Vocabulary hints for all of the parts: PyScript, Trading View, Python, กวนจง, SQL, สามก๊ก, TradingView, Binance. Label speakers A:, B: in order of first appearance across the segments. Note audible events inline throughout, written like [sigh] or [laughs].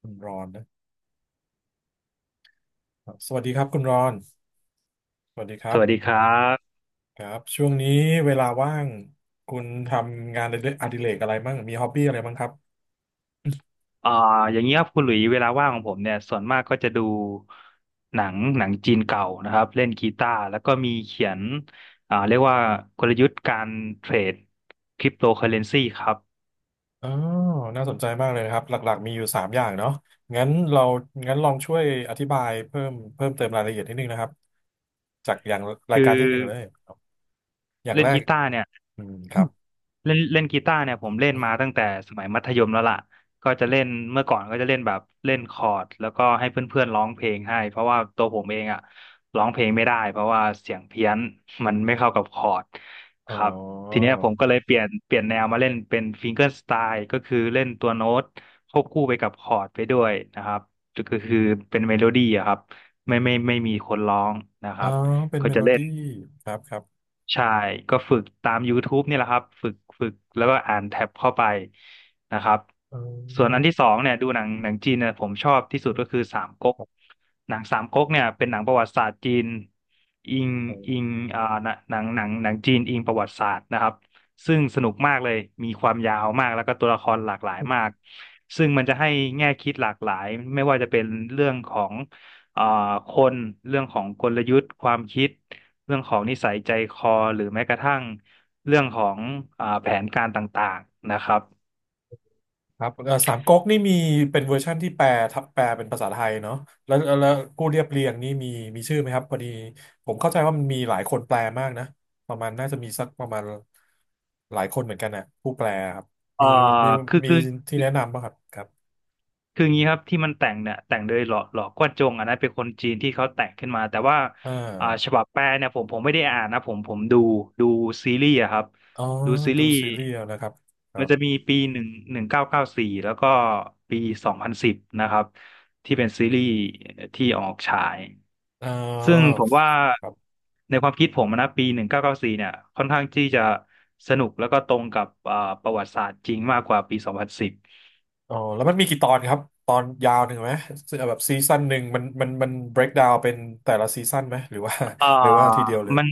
A: คุณรอนนะครับสวัสดีครับคุณรอนสวัสดีค
B: ส
A: รับ
B: วัสดีครับ
A: ครับช่วงนี้เวลาว่างคุณทำงานอดิเรกอะไรบ้างมีฮ็อบบี้อะไรบ้างครับ
B: อ่าอย่างนี้ครับคุณหลุยเวลาว่างของผมเนี่ยส่วนมากก็จะดูหนังจีนเก่านะครับ เล่นกีตาร์แล้วก็มีเขียนเรียกว่ากลยุทธ์การเทรดคริปโตเคอเรนซีครับ
A: อ๋อน่าสนใจมากเลยนะครับหลักๆมีอยู่สามอย่างเนาะงั้นเรางั้นลองช่วยอธิบายเพิ่มเติมรายละเอียดนิดนึงนะครับจากอย่างรา
B: คื
A: ย
B: อ
A: การที่หนึ่งเลยอย่าง
B: เล่น
A: แรก
B: กีตาร์เนี่ย
A: อืมครับ
B: [coughs] เล่นเล่นกีตาร์เนี่ยผมเล่นมาตั้งแต่สมัยมัธยมแล้วล่ะก็จะเล่นเมื่อก่อนก็จะเล่นแบบเล่นคอร์ดแล้วก็ให้เพื่อนๆร้องเพลงให้เพราะว่าตัวผมเองอ่ะร้องเพลงไม่ได้เพราะว่าเสียงเพี้ยนมันไม่เข้ากับคอร์ด
A: อ๋
B: ค
A: อ
B: รับทีเนี้ยผมก็เลยเปลี่ยนแนวมาเล่นเป็นฟิงเก r ร์สไตล์ก็คือเล่นตัวโน้ตควบคู่ไปกับคอร์ดไปด้วยนะครับก็คือเป็นเมโลดี้อะครับไม่ไม่ไม่มีคนร้องนะค
A: อ๋
B: รั
A: อ
B: บ
A: เป็น
B: ก็
A: เม
B: จะ
A: โล
B: เล่น
A: ดี้ครับครับ
B: ใช่ก็ฝึกตาม YouTube นี่แหละครับฝึกแล้วก็อ่านแท็บเข้าไปนะครับส่วนอัน
A: อ
B: ที่สองเนี่ยดูหนังจีนเนี่ยผมชอบที่สุดก็คือสามก๊กหนังสามก๊กเนี่ยเป็นหนังประวัติศาสตร์จีนอิง
A: ๋อ
B: อิงหนังจีนอิงประวัติศาสตร์นะครับซึ่งสนุกมากเลยมีความยาวมากแล้วก็ตัวละครหลากหลายมากซึ่งมันจะให้แง่คิดหลากหลายไม่ว่าจะเป็นเรื่องของอ่าคนเรื่องของกลยุทธ์ความคิด เรื่องของนิสัยใจคอหรือแม้กระทั่งเรื่องของแผนการต่างๆนะครับ
A: ครับสามก๊กนี่มีเป็นเวอร์ชั่นที่แปลทับแปลเป็นภาษาไทยเนาะแล้วผู้เรียบเรียงนี่มีมีชื่อไหมครับพอดีผมเข้าใจว่ามันมีหลายคนแปลมากนะ ประมาณน่าจะมีสักประมาณหลายคนเหมือนกันนะผู้แปลครับ
B: เอ่อ
A: มีมี
B: คือ
A: มี
B: คือ
A: ที่แนะนำป่ะครับครับ
B: คืองี้ครับที่มันแต่งเนี่ยแต่งโดยหล่อกวนจงอันนั้นเป็นคนจีนที่เขาแต่งขึ้นมาแต่ว่า
A: อ่า
B: ฉบับแปลเนี่ยผมไม่ได้อ่านนะผมดูซีรีส์อะครับ
A: อ๋อ
B: ดูซี
A: ดู
B: รีส์
A: ซีรีส์เอานะครับครั
B: มันจะ
A: บ
B: มีปีหนึ่งเก้าเก้าสี่แล้วก็ปีสองพันสิบนะครับที่เป็นซีรีส์ที่ออกฉาย
A: อ่
B: ซึ่ง
A: า
B: ผมว่า
A: ครับ
B: ในความคิดผมนะปีหนึ่งเก้าเก้าสี่เนี่ยค่อนข้างที่จะสนุกแล้วก็ตรงกับประวัติศาสตร์จริงมากกว่าปีสองพันสิบ
A: อ๋อ แล้วมันมีกี่ตอนครับ ตอนยาวหนึ่งไหม แบบซีซั่นหนึ่งมัน break down เป็นแต่ละซีซั่นไหมหรือว่า
B: เอ่อ
A: หรือว่าทีเดียวเลย
B: มัน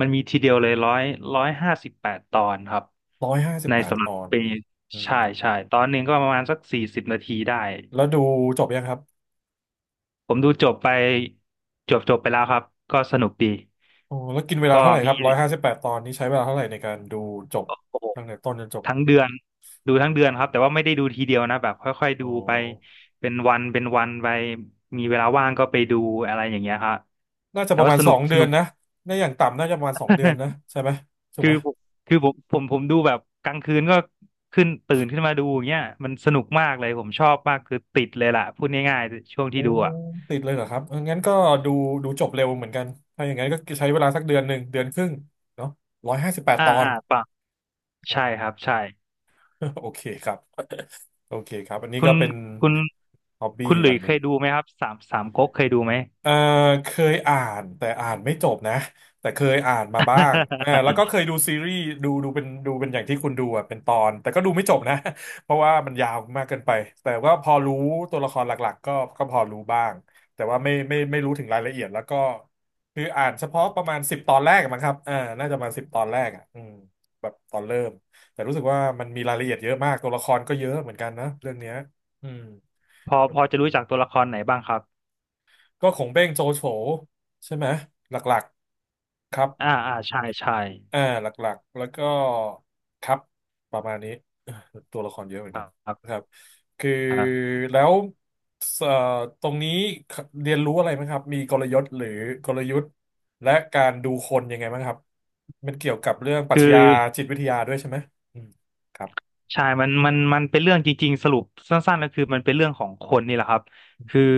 B: มันมีทีเดียวเลยร้อยห้าสิบแปดตอนครับ
A: ร้อยห้าสิ
B: ใน
A: บแปด
B: สำห
A: ต
B: รับ
A: อน
B: ปี
A: อืม
B: ใช่ใช่ตอนหนึ่งก็ประมาณสัก40นาทีได้
A: แล้วดูจบยังครับ
B: ผมดูจบไปจบไปแล้วครับก็สนุกดี
A: โอ้แล้วกินเวลา
B: ก็
A: เท่าไหร่ค
B: มี
A: รับร้อยห้าสิบแปดตอนนี้ใช้เวลาเท่าไหร่ในการดูจบ
B: โอ้โห
A: ตั้งแต่ต้นจนจบ
B: ทั้งเดือนดูทั้งเดือนครับแต่ว่าไม่ได้ดูทีเดียวนะแบบค่อยๆ
A: อ๋
B: ดู
A: อ
B: ไปเป็นวันเป็นวันไปมีเวลาว่างก็ไปดูอะไรอย่างเงี้ยครับ
A: น่าจะ
B: แต่
A: ประ
B: ว่า
A: มาณ
B: ส
A: ส
B: นุ
A: อ
B: ก
A: ง
B: ส
A: เดือ
B: นุ
A: น
B: ก
A: นะไดอย่างต่ำน่าจะประมาณสองเดือนนะ
B: [laughs]
A: ใช่ไหมถูก
B: คือ
A: ไหม
B: ผมคือผมดูแบบกลางคืนก็ขึ้นตื่นขึ้นมาดูอย่างเงี้ยมันสนุกมากเลยผมชอบมากคือติดเลยล่ะพูดง่ายๆช่วงที่
A: โอ้
B: ดูอ่ะ
A: ติดเลยเหรอครับเอองั้นก็ดูดูจบเร็วเหมือนกันถ้าอย่างนั้นก็ใช้เวลาสักเดือนหนึ่งเดือนครึ่งเนาะร้อยห้าสิบแปดตอน
B: ปะใช่ครับใช่
A: [laughs] โอเคครับโอเคครับอันนี้
B: คุ
A: ก็
B: ณ
A: เป็น
B: คุณ
A: ฮ็อบ
B: คุ
A: บี้
B: ณห
A: อ
B: ลุย
A: ย่างห
B: เค
A: นึ่ง
B: ยดูไหมครับสามก๊กเคยดูไหม
A: เอ่อเคยอ่านแต่อ่านไม่จบนะแต่เคยอ่านมาบ้างเออ
B: [laughs]
A: แล้วก็เคยดูซีรีส์ดูเป็นดูเป็นอย่างที่คุณดูอ่ะเป็นตอนแต่ก็ดูไม่จบนะ [laughs] เพราะว่ามันยาวมากเกินไปแต่ว่าพอรู้ตัวละครหลักๆก็ก็พอรู้บ้างแต่ว่าไม่รู้ถึงรายละเอียดแล้วก็คืออ่านเฉพาะประมาณสิบตอนแรกอะมั้งครับอ่าน่าจะมาสิบตอนแรกอ่ะอืมแบบตอนเริ่มแต่รู้สึกว่ามันมีรายละเอียดเยอะมากตัวละครก็เยอะเหมือนกันนะเรื่องเนี้ยอืม
B: พอจะรู้จักตัวละครไหนบ้างครับ
A: ก็ของเบ้งโจโฉใช่ไหมหลักๆครับ
B: ใช่ใช่
A: อ่าหลักๆแล้วก็ครับประมาณนี้ [laughs] เอ่อตัวละครเยอะเหมือ
B: ค
A: น
B: รั
A: กัน
B: บค
A: นะ
B: รั
A: ครับคือ
B: บ
A: แล้วเอ่อตรงนี้เรียนรู้อะไรไหมครับมีกลยุทธ์หรือกลยุทธ์และการดูคนยังไงบ้างครับมันเกี่ยวกับเรื่องปรั
B: คื
A: ชญา
B: อ
A: จิตวิทยาด้วยใช่ไหมอืมครับ
B: ใช่มันเป็นเรื่องจริงๆสรุปสั้นๆก็คือมันเป็นเรื่องของคนนี่แหละครับคือ
A: อืม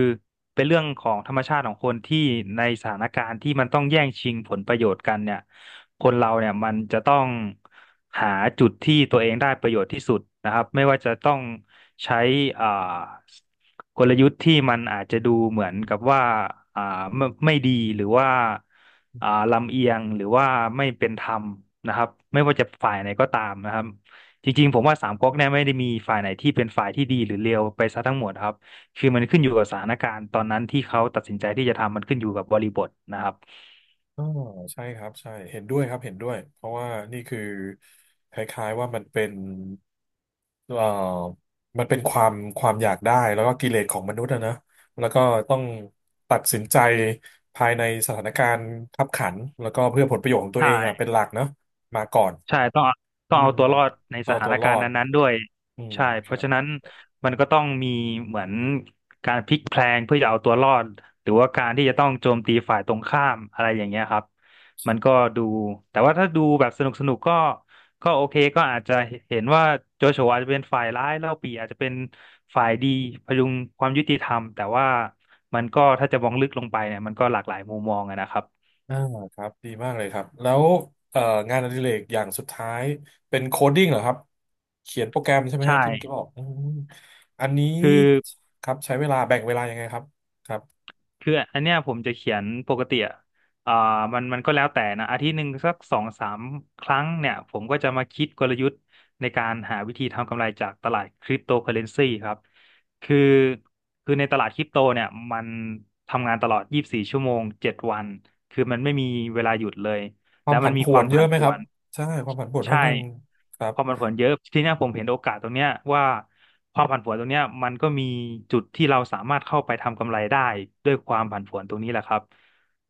B: เป็นเรื่องของธรรมชาติของคนที่ในสถานการณ์ที่มันต้องแย่งชิงผลประโยชน์กันเนี่ยคนเราเนี่ยมันจะต้องหาจุดที่ตัวเองได้ประโยชน์ที่สุดนะครับไม่ว่าจะต้องใช้อ่ากลยุทธ์ที่มันอาจจะดูเหมือนกับว่าอ่าไม่ไม่ดีหรือว่าลำเอียงหรือว่าไม่เป็นธรรมนะครับไม่ว่าจะฝ่ายไหนก็ตามนะครับ จริงๆ ผมว่าสามก๊กเนี่ยไม่ได้มีฝ่ายไหนที่เป็นฝ่ายที่ดีหรือเลวไปซะทั้งหมดครับ คือมันขึ้นอยู่กับสถานการณ์ตอนนั้นที่เขาตัดสินใจที่จะทำมันขึ้นอยู่กับบริบทนะครับ
A: อ๋อใช่ครับใช่เห็นด้วยครับเห็นด้วยเพราะว่านี่คือคล้ายๆว่ามันเป็น เอ่อมันเป็นความความอยากได้แล้วก็กิเลสของมนุษย์อะนะ แล้วก็ต้องตัดสินใจภายในสถานการณ์คับขัน แล้วก็เพื่อผลประโยชน์ของตัวเองอะ
B: ใช่
A: เป็นหลักเนาะมาก่อน
B: ใช่ต้องเอาต้อ
A: อื
B: งเอา
A: ม
B: ตัวรอดใน
A: ก็
B: ส
A: เอา
B: ถา
A: ตั
B: น
A: วร
B: กา
A: อ
B: รณ์
A: ด
B: นั้นๆด้วย
A: อืม
B: ใช่เพ
A: ค
B: ราะ
A: รับ
B: ฉะนั้นมันก็ต้องมีเหมือนการพลิกแพลงเพื่อจะเอาตัวรอดหรือว่าการที่จะต้องโจมตีฝ่ายตรงข้ามอะไรอย่างเงี้ยครับมันก็ดูแต่ว่าถ้าดูแบบสนุกสนุกก็โอเคก็อาจจะเห็นว่าโจโฉอาจจะเป็นฝ่ายร้ายเล่าปี่อาจจะเป็นฝ่ายดีพยุงความยุติธรรมแต่ว่ามันก็ถ้าจะมองลึกลงไปเนี่ยมันก็หลากหลายมุมมองอะนะครับ
A: อ่าครับดีมากเลยครับ แล้วเอ่องานอดิเรกอย่างสุดท้ายเป็นโคดดิ้งเหรอครับ เขียนโปรแกรมใช่ไหม
B: ใช่
A: ฮะที่เมื่อกี้บอกอืมอันนี้
B: คือ
A: ครับใช้เวลาแบ่งเวลายังไงครับครับ
B: คืออันเนี้ยผมจะเขียนปกติอ่ะอ่ามันก็แล้วแต่นะอาทิตย์หนึ่งสักสองสามครั้งเนี่ยผมก็จะมาคิดกลยุทธ์ในการหาวิธีทำกำไรจากตลาดคริปโตเคอเรนซีครับคือคือในตลาดคริปโตเนี่ยมันทำงานตลอด24ชั่วโมง7วันคือมันไม่มีเวลาหยุดเลย
A: ค
B: แล้
A: วาม
B: วมั
A: ผั
B: น
A: น
B: มี
A: ผ
B: ค
A: ว
B: วา
A: น
B: ม
A: เย
B: ผั
A: อะ
B: น
A: ไหม
B: ผ
A: ครั
B: ว
A: บ
B: น
A: ใช่ความผันผวนค่
B: ใช่
A: อนข้างครับ
B: ความผันผวนเยอะทีเนี้ยผมเห็นโอกาสตรงเนี้ยว่าความผันผวนตรงเนี้ยมันก็มีจุดที่เราสามารถเข้าไปทำกำไรได้ด้วยความผันผวนตรงนี้แหละครับ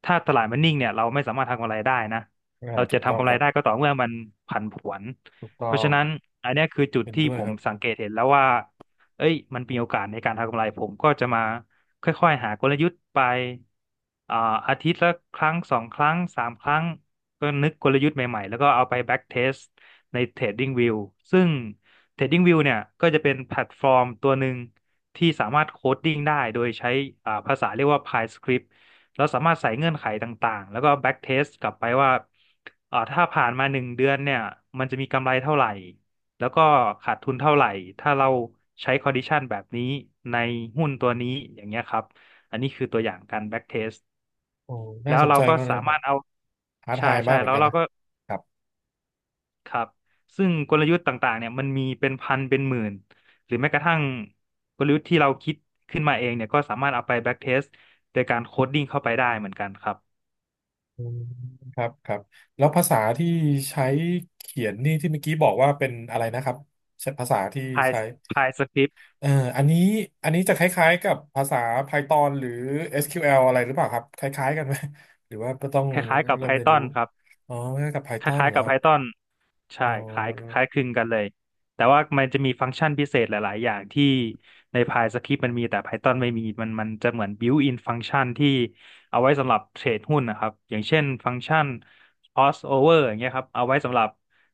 B: ถ้าตลาดมันนิ่งเนี่ยเราไม่สามารถทำกำไรได้นะ
A: อ่า
B: เรา
A: ถู
B: จะ
A: กต้อ
B: ทำ
A: ง
B: กำ
A: ค
B: ไร
A: รับ
B: ได้ก็ต่อเมื่อมันผันผวน
A: ถูกต้
B: เพ
A: อ
B: ราะฉะ
A: ง
B: นั้นอันเนี้ยคือจุด
A: เห็น
B: ที่
A: ด้วย
B: ผ
A: ค
B: ม
A: รับ
B: สังเกตเห็นแล้วว่าเอ้ยมันมีโอกาสในการทำกำไรผมก็จะมาค่อยๆหากลยุทธ์ไปอ่าอาทิตย์ละครั้งสองครั้งสามครั้ง ก็นึกกลยุทธ์ใหม่ๆแล้วก็เอาไป back test ใน Trading View ซึ่ง Trading View เนี่ยก็จะเป็นแพลตฟอร์มตัวหนึ่งที่สามารถโคดดิ้งได้โดยใช้ภาษาเรียกว่า PyScript แล้วสามารถใส่เงื่อนไขต่างๆแล้วก็ back test กลับไปว่าถ้าผ่านมาหนึ่งเดือนเนี่ยมันจะมีกำไรเท่าไหร่แล้วก็ขาดทุนเท่าไหร่ถ้าเราใช้ condition แบบนี้ในหุ้นตัวนี้อย่างเงี้ยครับอันนี้คือตัวอย่างการ back test
A: โอ้น่า
B: แล้ว
A: สน
B: เรา
A: ใจ
B: ก็
A: มากเลย
B: สา
A: ค
B: มา
A: รั
B: ร
A: บ
B: ถเอา
A: ท้า
B: ใช่
A: ทาย
B: ใช่
A: มากเหมือ
B: แล้
A: น
B: ว
A: กัน
B: เรา
A: นะ
B: ก็
A: ครับ
B: ครับซึ่งกลยุทธ์ต่างๆเนี่ยมันมีเป็นพันเป็นหมื่น หรือแม้กระทั่งกลยุทธ์ที่เราคิดขึ้นมาเองเนี่ยก็สามารถเอาไปแบ็กเทสโดยการโคดดิ้งเข้าไปได้เหมือนกันครับ
A: อืมครับครับแล้วภาษาที่ใช้เขียนนี่ที่เมื่อกี้บอกว่าเป็นอะไรนะครับใช้ภาษาที่
B: Py
A: ใช้
B: Py Script
A: เอ่ออันนี้อันนี้จะคล้ายๆกับภาษา Python หรือ SQL อสคิวแอลอะไรหรือเปล่าครับคล้ายๆกันไหมหรือว่าก็ต้อง
B: คล้ายๆกับ
A: เรมเรียน
B: Python
A: รู้
B: ครับ
A: อ๋อคล้ายๆกับ
B: ค
A: Python
B: ล้าย
A: เห
B: ๆ
A: รอ
B: กับ
A: ครับ
B: Python
A: อ๋
B: ใช่
A: อ
B: คล้ายคลึงกันเลยแต่ว่ามันจะมีฟังก์ชันพิเศษหลายๆอย่างที่ใน PyScript มันมีแต่ Python ไม่มีมันจะเหมือน built-in ฟังก์ชันที่เอาไว้สำหรับเทรดหุ้นนะครับอย่างเช่นฟังก์ชัน crossover อย่างเงี้ยครับเอาไว้สำหรับ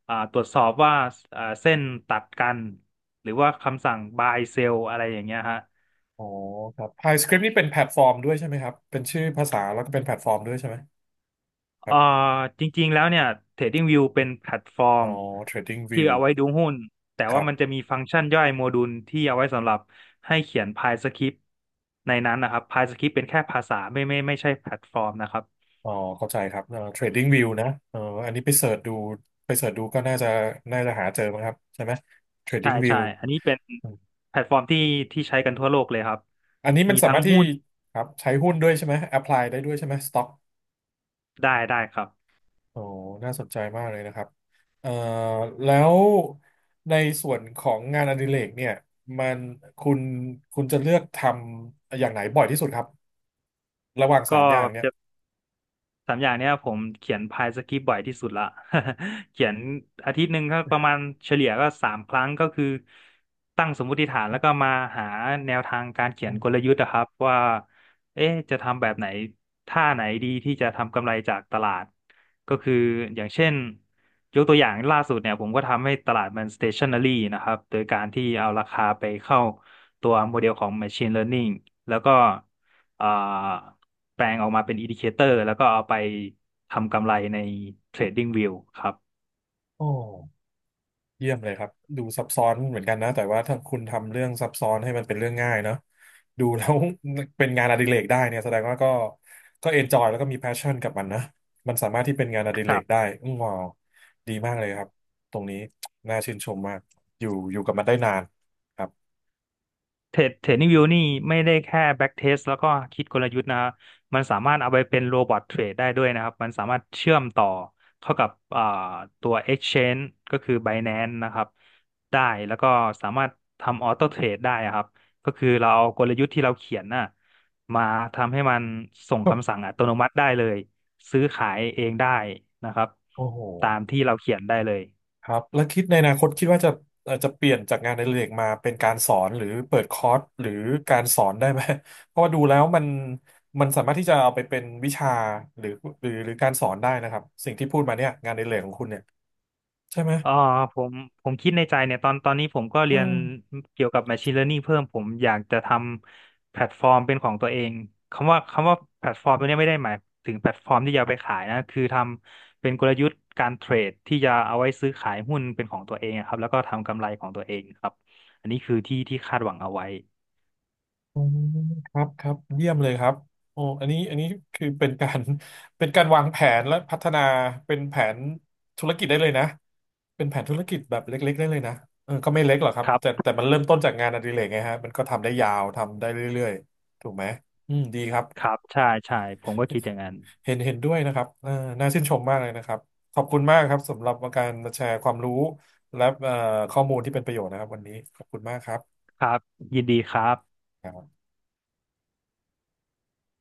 B: ตรวจสอบว่าเส้นตัดกันหรือว่าคำสั่ง buy sell อะไรอย่างเงี้ยฮะ
A: อ๋อครับ PyScript นี่เป็นแพลตฟอร์มด้วยใช่ไหมครับเป็นชื่อภาษาแล้วก็เป็นแพลตฟอร์มด้วยใช่ไหมค
B: เอ่
A: รั
B: อ
A: บ
B: จริงๆแล้วเนี่ย TradingView เป็นแพลตฟอร์
A: อ๋
B: ม
A: อ
B: ที่
A: TradingView
B: เอาไว้ดูหุ้นแต่
A: ค
B: ว่า
A: รั
B: มันจะ
A: บ
B: มีฟังก์ชันย่อยโมดูลที่เอาไว้สำหรับให้เขียนพายสคริปต์ในนั้นนะครับพายสคริปต์เป็นแค่ภาษาไม่ใช่แพลตฟอร์มนะครับ
A: อ๋อเข้าใจครับTradingView นะอันนี้ไปเสิร์ชดูไปเสิร์ชดูก็น่าจะน่าจะหาเจอมั้งครับใช่ไหม
B: ใช่
A: TradingView
B: ใช่อันนี้เป็น
A: อม
B: แพลตฟอร์มที่ใช้กันทั่วโลกเลยครับ
A: อันนี้มั
B: มี
A: นสา
B: ทั้ง
A: มารถที่
B: หุ้น
A: ครับใช้หุ้นด้วยใช่ไหม apply ได้ด้วยใช่ไหม stock
B: ได้ได้ครับ
A: โอ้น่าสนใจมากเลยนะครับเอ่อแล้วในส่วนของงานอดิเรกเนี่ยมันคุณคุณจะเลือกทำอย่างไหนบ่อยที่สุดครับ ระหว่างสา
B: ก็
A: มอย่างเนี่ย
B: สามอย่างเนี้ยผมเขียนพายสคริปต์บ่อยที่สุดละ [laughs] เขียนอาทิตย์หนึ่งก็ประมาณเฉลี่ยก็สามครั้งก็คือตั้งสมมุติฐานแล้วก็มาหาแนวทางการเขียนกลยุ
A: โอ้
B: ทธ์นะครับว่าเอ๊ะจะทำแบบไหนท่าไหนดีที่จะทำกำไรจากตลาดก็คืออย่างเช่นยกตัวอย่างล่าสุดเนี่ยผมก็ทำให้ตลาดมัน stationary นะครับโดยการที่เอาราคาไปเข้าตัวโมเดลของ machine learning แล้วก็อ่า แปลงออกมาเป็น indicator แล้วก็เอาไปทำกำไรใน Trading View ครับ
A: โห เยี่ยมเลยครับ ดูซับซ้อนเหมือนกันนะแต่ว่าถ้าคุณทำเรื่องซับซ้อนให้มันเป็นเรื่องง่ายเนาะดูแล้ว [laughs] เป็นงานอดิเรกได้เนี่ยแสดงว่าก็ก็เอนจอยแล้วก็มีแพชชั่นกับมันนะ มันสามารถที่เป็นงานอดิเรกได้อืมว้าวดีมากเลยครับ ตรงนี้น่าชื่นชมมากอยู่กับมันได้นานครับ
B: เทรดนิ่งวิวนี่ไม่ได้แค่แบ็กเทสแล้วก็คิดกลยุทธ์นะครับมันสามารถเอาไปเป็นโรบอทเทรดได้ด้วยนะครับมันสามารถเชื่อมต่อเข้ากับอ่าตัว Exchange ก็คือ Binance นะครับได้แล้วก็สามารถทำออโต้เทรดได้อะครับก็คือเราเอากลยุทธ์ที่เราเขียนน่ะมาทำให้มันส่งคำสั่งอั
A: [laughs]
B: ตโนมัติได้เลยซื้อขายเองได้นะครับ
A: โอ้โห
B: ตามที่เราเขียนได้เลย
A: ครับแล้วคิดในอนาคตคิดว่าจะจะเปลี่ยนจากงานในเรกมาเป็นการสอนหรือเปิดคอร์สหรือการสอนได้ไหม [laughs] เพราะว่าดูแล้วมันมันสามารถที่จะเอาไปเป็นวิชาหรือหรือการสอนได้นะครับสิ่งที่พูดมาเนี่ยงานในเรกของคุณเนี่ยใช่ไหม
B: อ่าผมผมคิดในใจเนี่ยตอนนี้ผมก็
A: อื
B: เรียน
A: ม
B: เกี่ยวกับ Machine Learning เพิ่มผมอยากจะทำแพลตฟอร์มเป็นของตัวเองคำว่าแพลตฟอร์มตัวเนี้ยไม่ได้หมายถึงแพลตฟอร์มที่จะเอาไปขายนะคือทำเป็นกลยุทธ์การเทรดที่จะเอาไว้ซื้อขายหุ้นเป็นของตัวเองอะครับแล้วก็ทำกำไรของตัวเองครับอันนี้คือที่คาดหวังเอาไว้
A: อืมครับครับเยี่ยมเลยครับโอ้อันนี้คือเป็นการ [laughs] เป็นการวางแผนและพัฒนาเป็นแผนธุรกิจได้เลยนะเป็นแผนธุรกิจแบบเล็กๆได้เลยนะเออก็ไม่เล็กหรอกครับ
B: ครั
A: แต่
B: บ
A: แต่มันเริ่มต้นจากงานอดิเรกไงฮะมันก็ทำได้ยาวทำได้เรื่อยๆถูกไหมอืมดีครับ
B: ครับใช่ใช่ผมก็คิดอย่างนั้น
A: เห็นด้วยนะครับเออน่าชื่นชมมากเลยนะครับขอบคุณมากครับสำหรับการมาแชร์ความรู้และข้อมูลที่เป็นประโยชน์นะครับวันนี้ขอบคุณมากครั
B: ครับยินดีครับ
A: บ